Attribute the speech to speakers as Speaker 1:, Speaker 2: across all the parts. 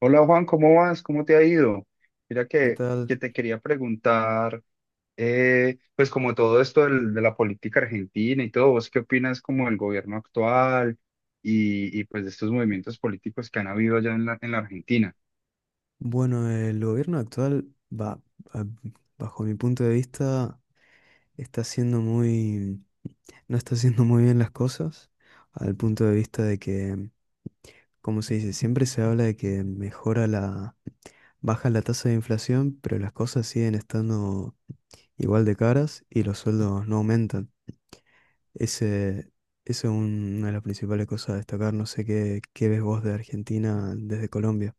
Speaker 1: Hola Juan, ¿cómo vas? ¿Cómo te ha ido? Mira
Speaker 2: ¿Qué
Speaker 1: que,
Speaker 2: tal?
Speaker 1: que te quería preguntar, pues como todo esto de la política argentina y todo, ¿vos qué opinas como del gobierno actual y pues de estos movimientos políticos que han habido allá en la Argentina?
Speaker 2: Bueno, el gobierno actual va, a- bajo mi punto de vista, está haciendo muy, no está haciendo muy bien las cosas, al punto de vista de que, como se dice, siempre se habla de que mejora baja la tasa de inflación, pero las cosas siguen estando igual de caras y los sueldos no aumentan. Ese, eso es una de las principales cosas a destacar. No sé qué ves vos de Argentina desde Colombia.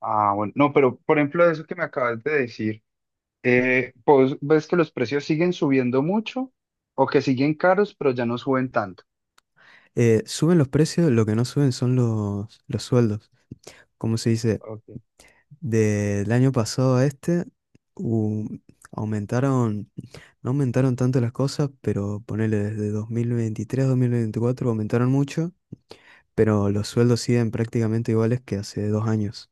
Speaker 1: Ah, bueno, no, pero por ejemplo de eso que me acabas de decir, ¿vos ves que los precios siguen subiendo mucho o que siguen caros pero ya no suben tanto?
Speaker 2: Suben los precios, lo que no suben son los sueldos. ¿Cómo se dice?
Speaker 1: Ok.
Speaker 2: Del año pasado a este, hu- aumentaron, no aumentaron tanto las cosas, pero ponele desde 2023 a 2024 aumentaron mucho, pero los sueldos siguen prácticamente iguales que hace dos años.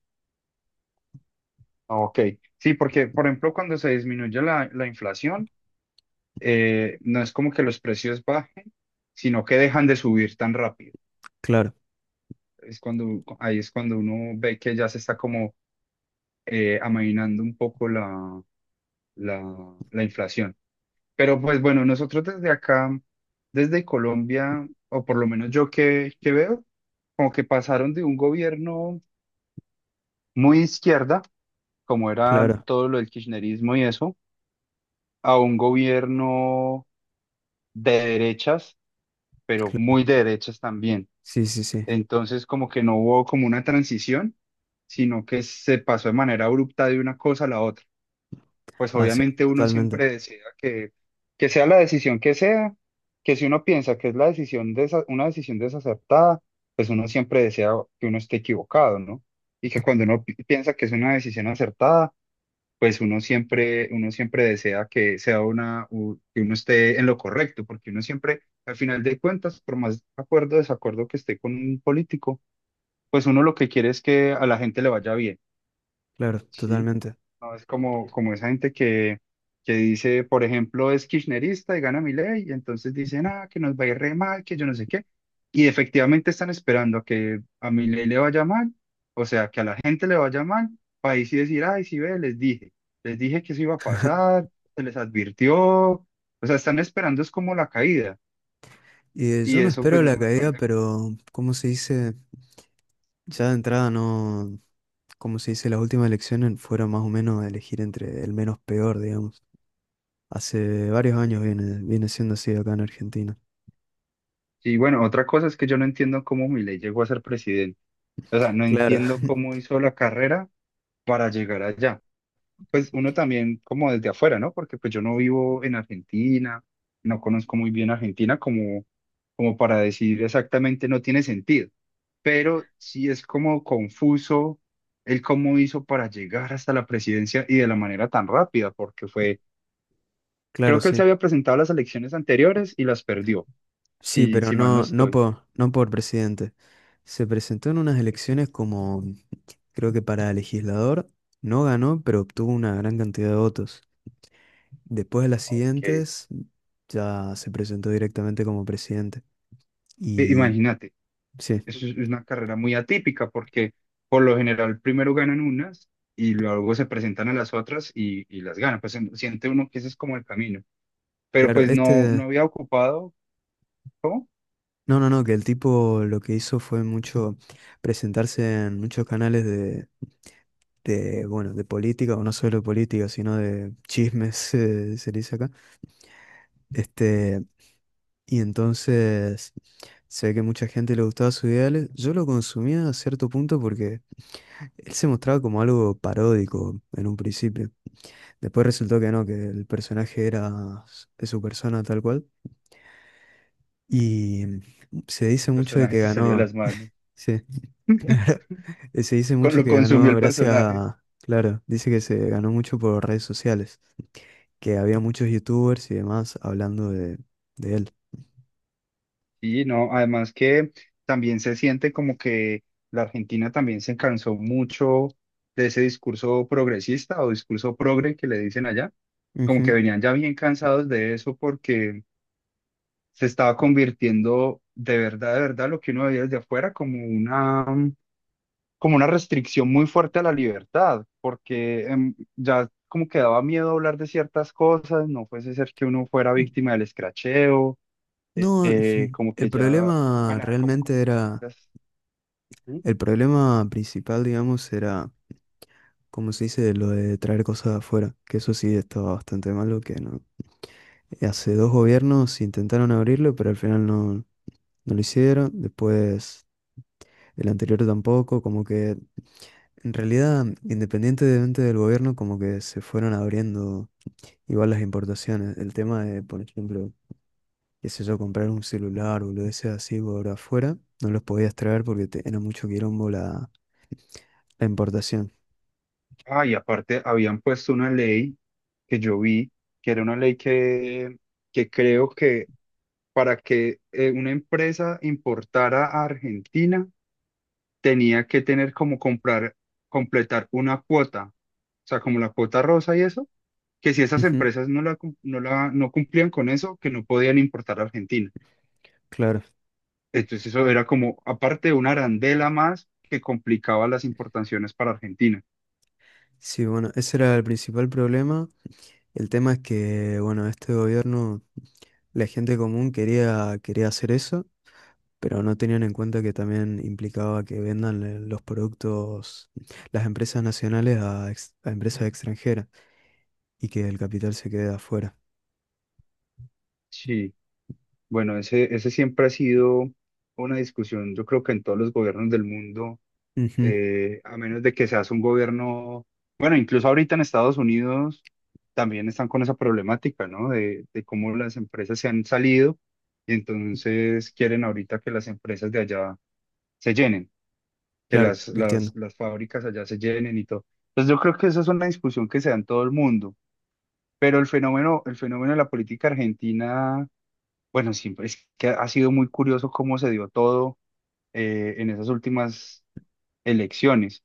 Speaker 1: Ok, sí, porque por ejemplo cuando se disminuye la inflación, no es como que los precios bajen, sino que dejan de subir tan rápido.
Speaker 2: Claro.
Speaker 1: Ahí es cuando uno ve que ya se está como amainando un poco la inflación. Pero pues bueno, nosotros desde acá, desde Colombia, o por lo menos yo que veo, como que pasaron de un gobierno muy izquierda, como era
Speaker 2: Claro,
Speaker 1: todo lo del kirchnerismo y eso, a un gobierno de derechas, pero
Speaker 2: claro.
Speaker 1: muy de derechas también.
Speaker 2: Sí, sí, sí.
Speaker 1: Entonces, como que no hubo como una transición, sino que se pasó de manera abrupta de una cosa a la otra. Pues
Speaker 2: Así es,
Speaker 1: obviamente uno
Speaker 2: totalmente.
Speaker 1: siempre desea que sea la decisión que sea, que si uno piensa que es la decisión una decisión desacertada, pues uno siempre desea que uno esté equivocado, ¿no? Y que cuando uno piensa que es una decisión acertada, pues uno siempre desea que sea que uno esté en lo correcto, porque uno siempre, al final de cuentas, por más acuerdo o desacuerdo que esté con un político, pues uno lo que quiere es que a la gente le vaya bien,
Speaker 2: Claro,
Speaker 1: ¿sí?
Speaker 2: totalmente.
Speaker 1: No es como esa gente que dice, por ejemplo, es kirchnerista y gana Milei, y entonces dicen, ah, que nos va a ir re mal, que yo no sé qué, y efectivamente están esperando a que a Milei le vaya mal, o sea, que a la gente le vaya mal, para ahí sí decir, ay, sí ve, les dije que eso iba a pasar, se les advirtió, o sea, están esperando es como la caída,
Speaker 2: Y
Speaker 1: y
Speaker 2: yo no
Speaker 1: eso pues
Speaker 2: espero
Speaker 1: no
Speaker 2: la
Speaker 1: me
Speaker 2: caída,
Speaker 1: parece...
Speaker 2: pero ¿cómo se dice? Ya de entrada no, como se dice, las últimas elecciones fueron más o menos a elegir entre el menos peor, digamos. Hace varios
Speaker 1: Y
Speaker 2: años viene siendo así acá en Argentina.
Speaker 1: y bueno, otra cosa es que yo no entiendo cómo Milei llegó a ser presidente. O sea, no
Speaker 2: Claro,
Speaker 1: entiendo cómo hizo la carrera para llegar allá. Pues uno también como desde afuera, ¿no? Porque pues yo no vivo en Argentina, no conozco muy bien Argentina como para decir exactamente no tiene sentido. Pero sí es como confuso el cómo hizo para llegar hasta la presidencia y de la manera tan rápida, porque fue,
Speaker 2: claro,
Speaker 1: creo que él se
Speaker 2: sí.
Speaker 1: había presentado a las elecciones anteriores y las perdió,
Speaker 2: Sí, pero
Speaker 1: si mal no
Speaker 2: no,
Speaker 1: estoy.
Speaker 2: no por presidente. Se presentó en unas
Speaker 1: Ok,
Speaker 2: elecciones como, creo que para legislador, no ganó, pero obtuvo una gran cantidad de votos. Después de las siguientes, ya se presentó directamente como presidente.
Speaker 1: ok.
Speaker 2: Y
Speaker 1: Imagínate.
Speaker 2: sí,
Speaker 1: Es una carrera muy atípica porque por lo general primero ganan unas y luego se presentan a las otras y las ganan. Pues siente uno que ese es como el camino. Pero
Speaker 2: claro,
Speaker 1: pues no, no
Speaker 2: este...
Speaker 1: había ocupado, ¿cómo?
Speaker 2: No, no, no, que el tipo lo que hizo fue mucho presentarse en muchos canales bueno, de política, o no solo de política, sino de chismes, se dice acá. Este, y entonces se ve que mucha gente le gustaba sus ideales. Yo lo consumía a cierto punto porque él se mostraba como algo paródico en un principio. Después resultó que no, que el personaje era de su persona tal cual. Y se
Speaker 1: El
Speaker 2: dice mucho de
Speaker 1: personaje
Speaker 2: que
Speaker 1: se salió de
Speaker 2: ganó.
Speaker 1: las manos.
Speaker 2: Sí, claro. Se dice
Speaker 1: Con
Speaker 2: mucho
Speaker 1: lo
Speaker 2: que
Speaker 1: consumió
Speaker 2: ganó
Speaker 1: el
Speaker 2: gracias
Speaker 1: personaje.
Speaker 2: a. Claro, dice que se ganó mucho por redes sociales, que había muchos youtubers y demás hablando de él.
Speaker 1: Y no, además que también se siente como que la Argentina también se cansó mucho de ese discurso progresista o discurso progre que le dicen allá. Como que
Speaker 2: Ujú.
Speaker 1: venían ya bien cansados de eso porque se estaba convirtiendo de verdad, lo que uno veía desde afuera como una, como una restricción muy fuerte a la libertad, porque ya como que daba miedo hablar de ciertas cosas, no fuese ser que uno fuera víctima del escracheo,
Speaker 2: No,
Speaker 1: como que
Speaker 2: el
Speaker 1: ya
Speaker 2: problema
Speaker 1: manejar como...
Speaker 2: realmente era,
Speaker 1: Ujú.
Speaker 2: el problema principal, digamos, era, como se dice, lo de traer cosas de afuera, que eso sí estaba bastante malo, que no, hace dos gobiernos intentaron abrirlo, pero al final no, no lo hicieron. Después el anterior tampoco, como que en realidad, independientemente del gobierno, como que se fueron abriendo igual las importaciones. El tema de, por ejemplo, qué sé yo, comprar un celular o lo de ese así por afuera, no los podías traer porque era mucho quilombo la importación.
Speaker 1: Ah, y aparte habían puesto una ley que yo vi, que era una ley que creo que para que una empresa importara a Argentina, tenía que tener como comprar, completar una cuota, o sea, como la cuota rosa y eso, que si esas
Speaker 2: Ujú.
Speaker 1: empresas no cumplían con eso, que no podían importar a Argentina.
Speaker 2: Claro.
Speaker 1: Entonces eso era como, aparte, una arandela más que complicaba las importaciones para Argentina.
Speaker 2: Sí, bueno, ese era el principal problema. El tema es que, bueno, este gobierno, la gente común quería hacer eso, pero no tenían en cuenta que también implicaba que vendan los productos, las empresas nacionales a, a empresas extranjeras y que el capital se quede afuera.
Speaker 1: Sí, bueno, ese siempre ha sido una discusión, yo creo que en todos los gobiernos del mundo
Speaker 2: Ujú.
Speaker 1: a menos de que seas un gobierno, bueno, incluso ahorita en Estados Unidos también están con esa problemática, ¿no? De cómo las empresas se han salido y entonces quieren ahorita que las empresas de allá se llenen, que
Speaker 2: Claro, entiendo.
Speaker 1: las fábricas allá se llenen y todo. Entonces yo creo que esa es una discusión que se da en todo el mundo, pero el fenómeno de la política argentina, bueno, siempre es que ha sido muy curioso cómo se dio todo en esas últimas elecciones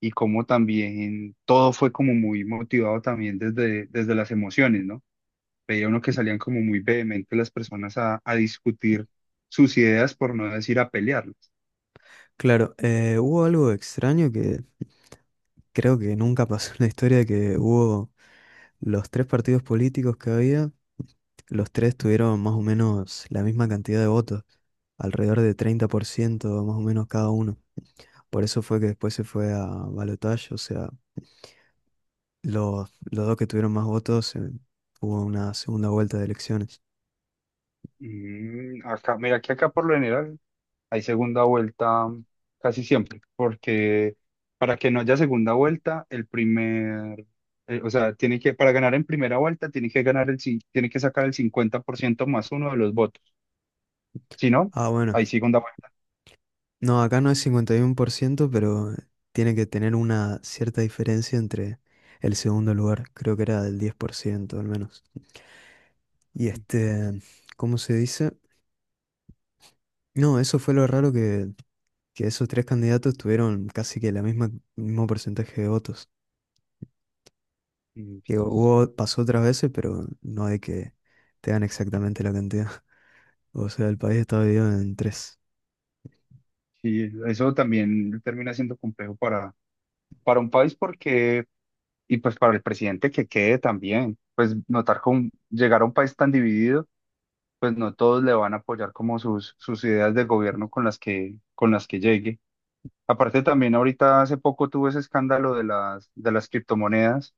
Speaker 1: y cómo también todo fue como muy motivado también desde las emociones, ¿no? Veía uno que salían como muy vehemente las personas a discutir sus ideas, por no decir a pelearlas.
Speaker 2: Claro, hubo algo extraño que creo que nunca pasó en la historia, que hubo los tres partidos políticos que había, los tres tuvieron más o menos la misma cantidad de votos, alrededor de 30% más o menos cada uno. Por eso fue que después se fue a balotaje, o sea, los dos que tuvieron más votos, hubo una segunda vuelta de elecciones.
Speaker 1: Mm, acá, mira que acá por lo general hay segunda vuelta casi siempre, porque para que no haya segunda vuelta, o sea, para ganar en primera vuelta, tiene que ganar tiene que sacar el 50% más uno de los votos. Si no,
Speaker 2: Ah, bueno,
Speaker 1: hay segunda vuelta.
Speaker 2: no, acá no es 51% pero tiene que tener una cierta diferencia entre el segundo lugar, creo que era del 10% al menos. Y
Speaker 1: Mm,
Speaker 2: este, ¿cómo se dice? No, eso fue lo raro que esos tres candidatos tuvieron casi que mismo porcentaje de votos. Que
Speaker 1: eso es.
Speaker 2: hubo, pasó otras veces, pero no de que te dan exactamente la cantidad. O sea, el país estaba dividido en tres.
Speaker 1: Sí, eso también termina siendo complejo para un país porque, y pues para el presidente que quede también, pues notar con llegar a un país tan dividido, pues no todos le van a apoyar como sus ideas de gobierno con las con las que llegue. Aparte también ahorita hace poco tuvo ese escándalo de de las criptomonedas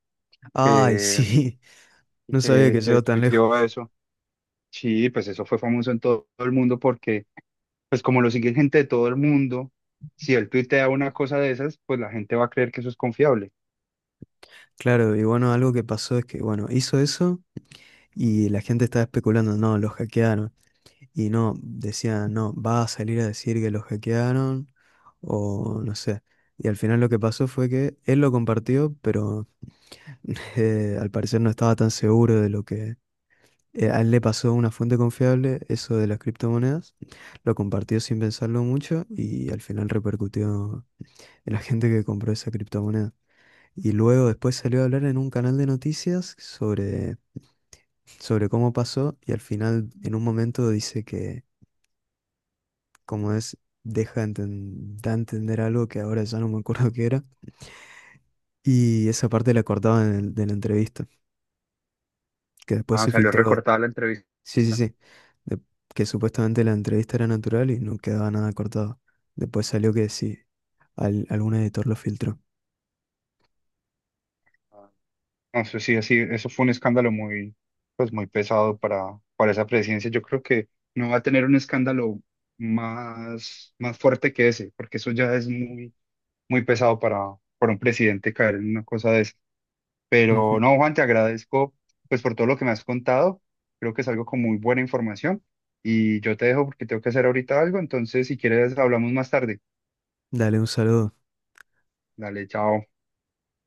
Speaker 2: Ay,
Speaker 1: que,
Speaker 2: sí, no sabía que
Speaker 1: que
Speaker 2: llegó tan
Speaker 1: tuiteó
Speaker 2: lejos.
Speaker 1: eso. Sí, pues eso fue famoso en todo el mundo porque pues como lo sigue gente de todo el mundo, si él tuitea una cosa de esas, pues la gente va a creer que eso es confiable.
Speaker 2: Claro, y bueno, algo que pasó es que, bueno, hizo eso y la gente estaba especulando, no, los hackearon. Y no, decían, no, va a salir a decir que los hackearon o no sé. Y al final lo que pasó fue que él lo compartió, pero al parecer no estaba tan seguro de lo que a él le pasó una fuente confiable, eso de las criptomonedas. Lo compartió sin pensarlo mucho y al final repercutió en la gente que compró esa criptomoneda. Y luego después salió a hablar en un canal de noticias sobre sobre cómo pasó y al final en un momento dice que como es, da a entender algo que ahora ya no me acuerdo qué era y esa parte la cortaban en de la entrevista, que después
Speaker 1: Ah,
Speaker 2: se
Speaker 1: salió
Speaker 2: filtró,
Speaker 1: recortada la entrevista.
Speaker 2: sí, sí, sí, de- que supuestamente la entrevista era natural y no quedaba nada cortado. Después salió que sí, algún editor lo filtró.
Speaker 1: Ah, eso sí, así, eso fue un escándalo muy, pues muy pesado para esa presidencia. Yo creo que no va a tener un escándalo más fuerte que ese, porque eso ya es muy, muy pesado para un presidente caer en una cosa de esa.
Speaker 2: Ujú.
Speaker 1: Pero no, Juan, te agradezco pues por todo lo que me has contado. Creo que es algo con muy buena información. Y yo te dejo porque tengo que hacer ahorita algo. Entonces, si quieres, hablamos más tarde.
Speaker 2: Dale un saludo.
Speaker 1: Dale, chao.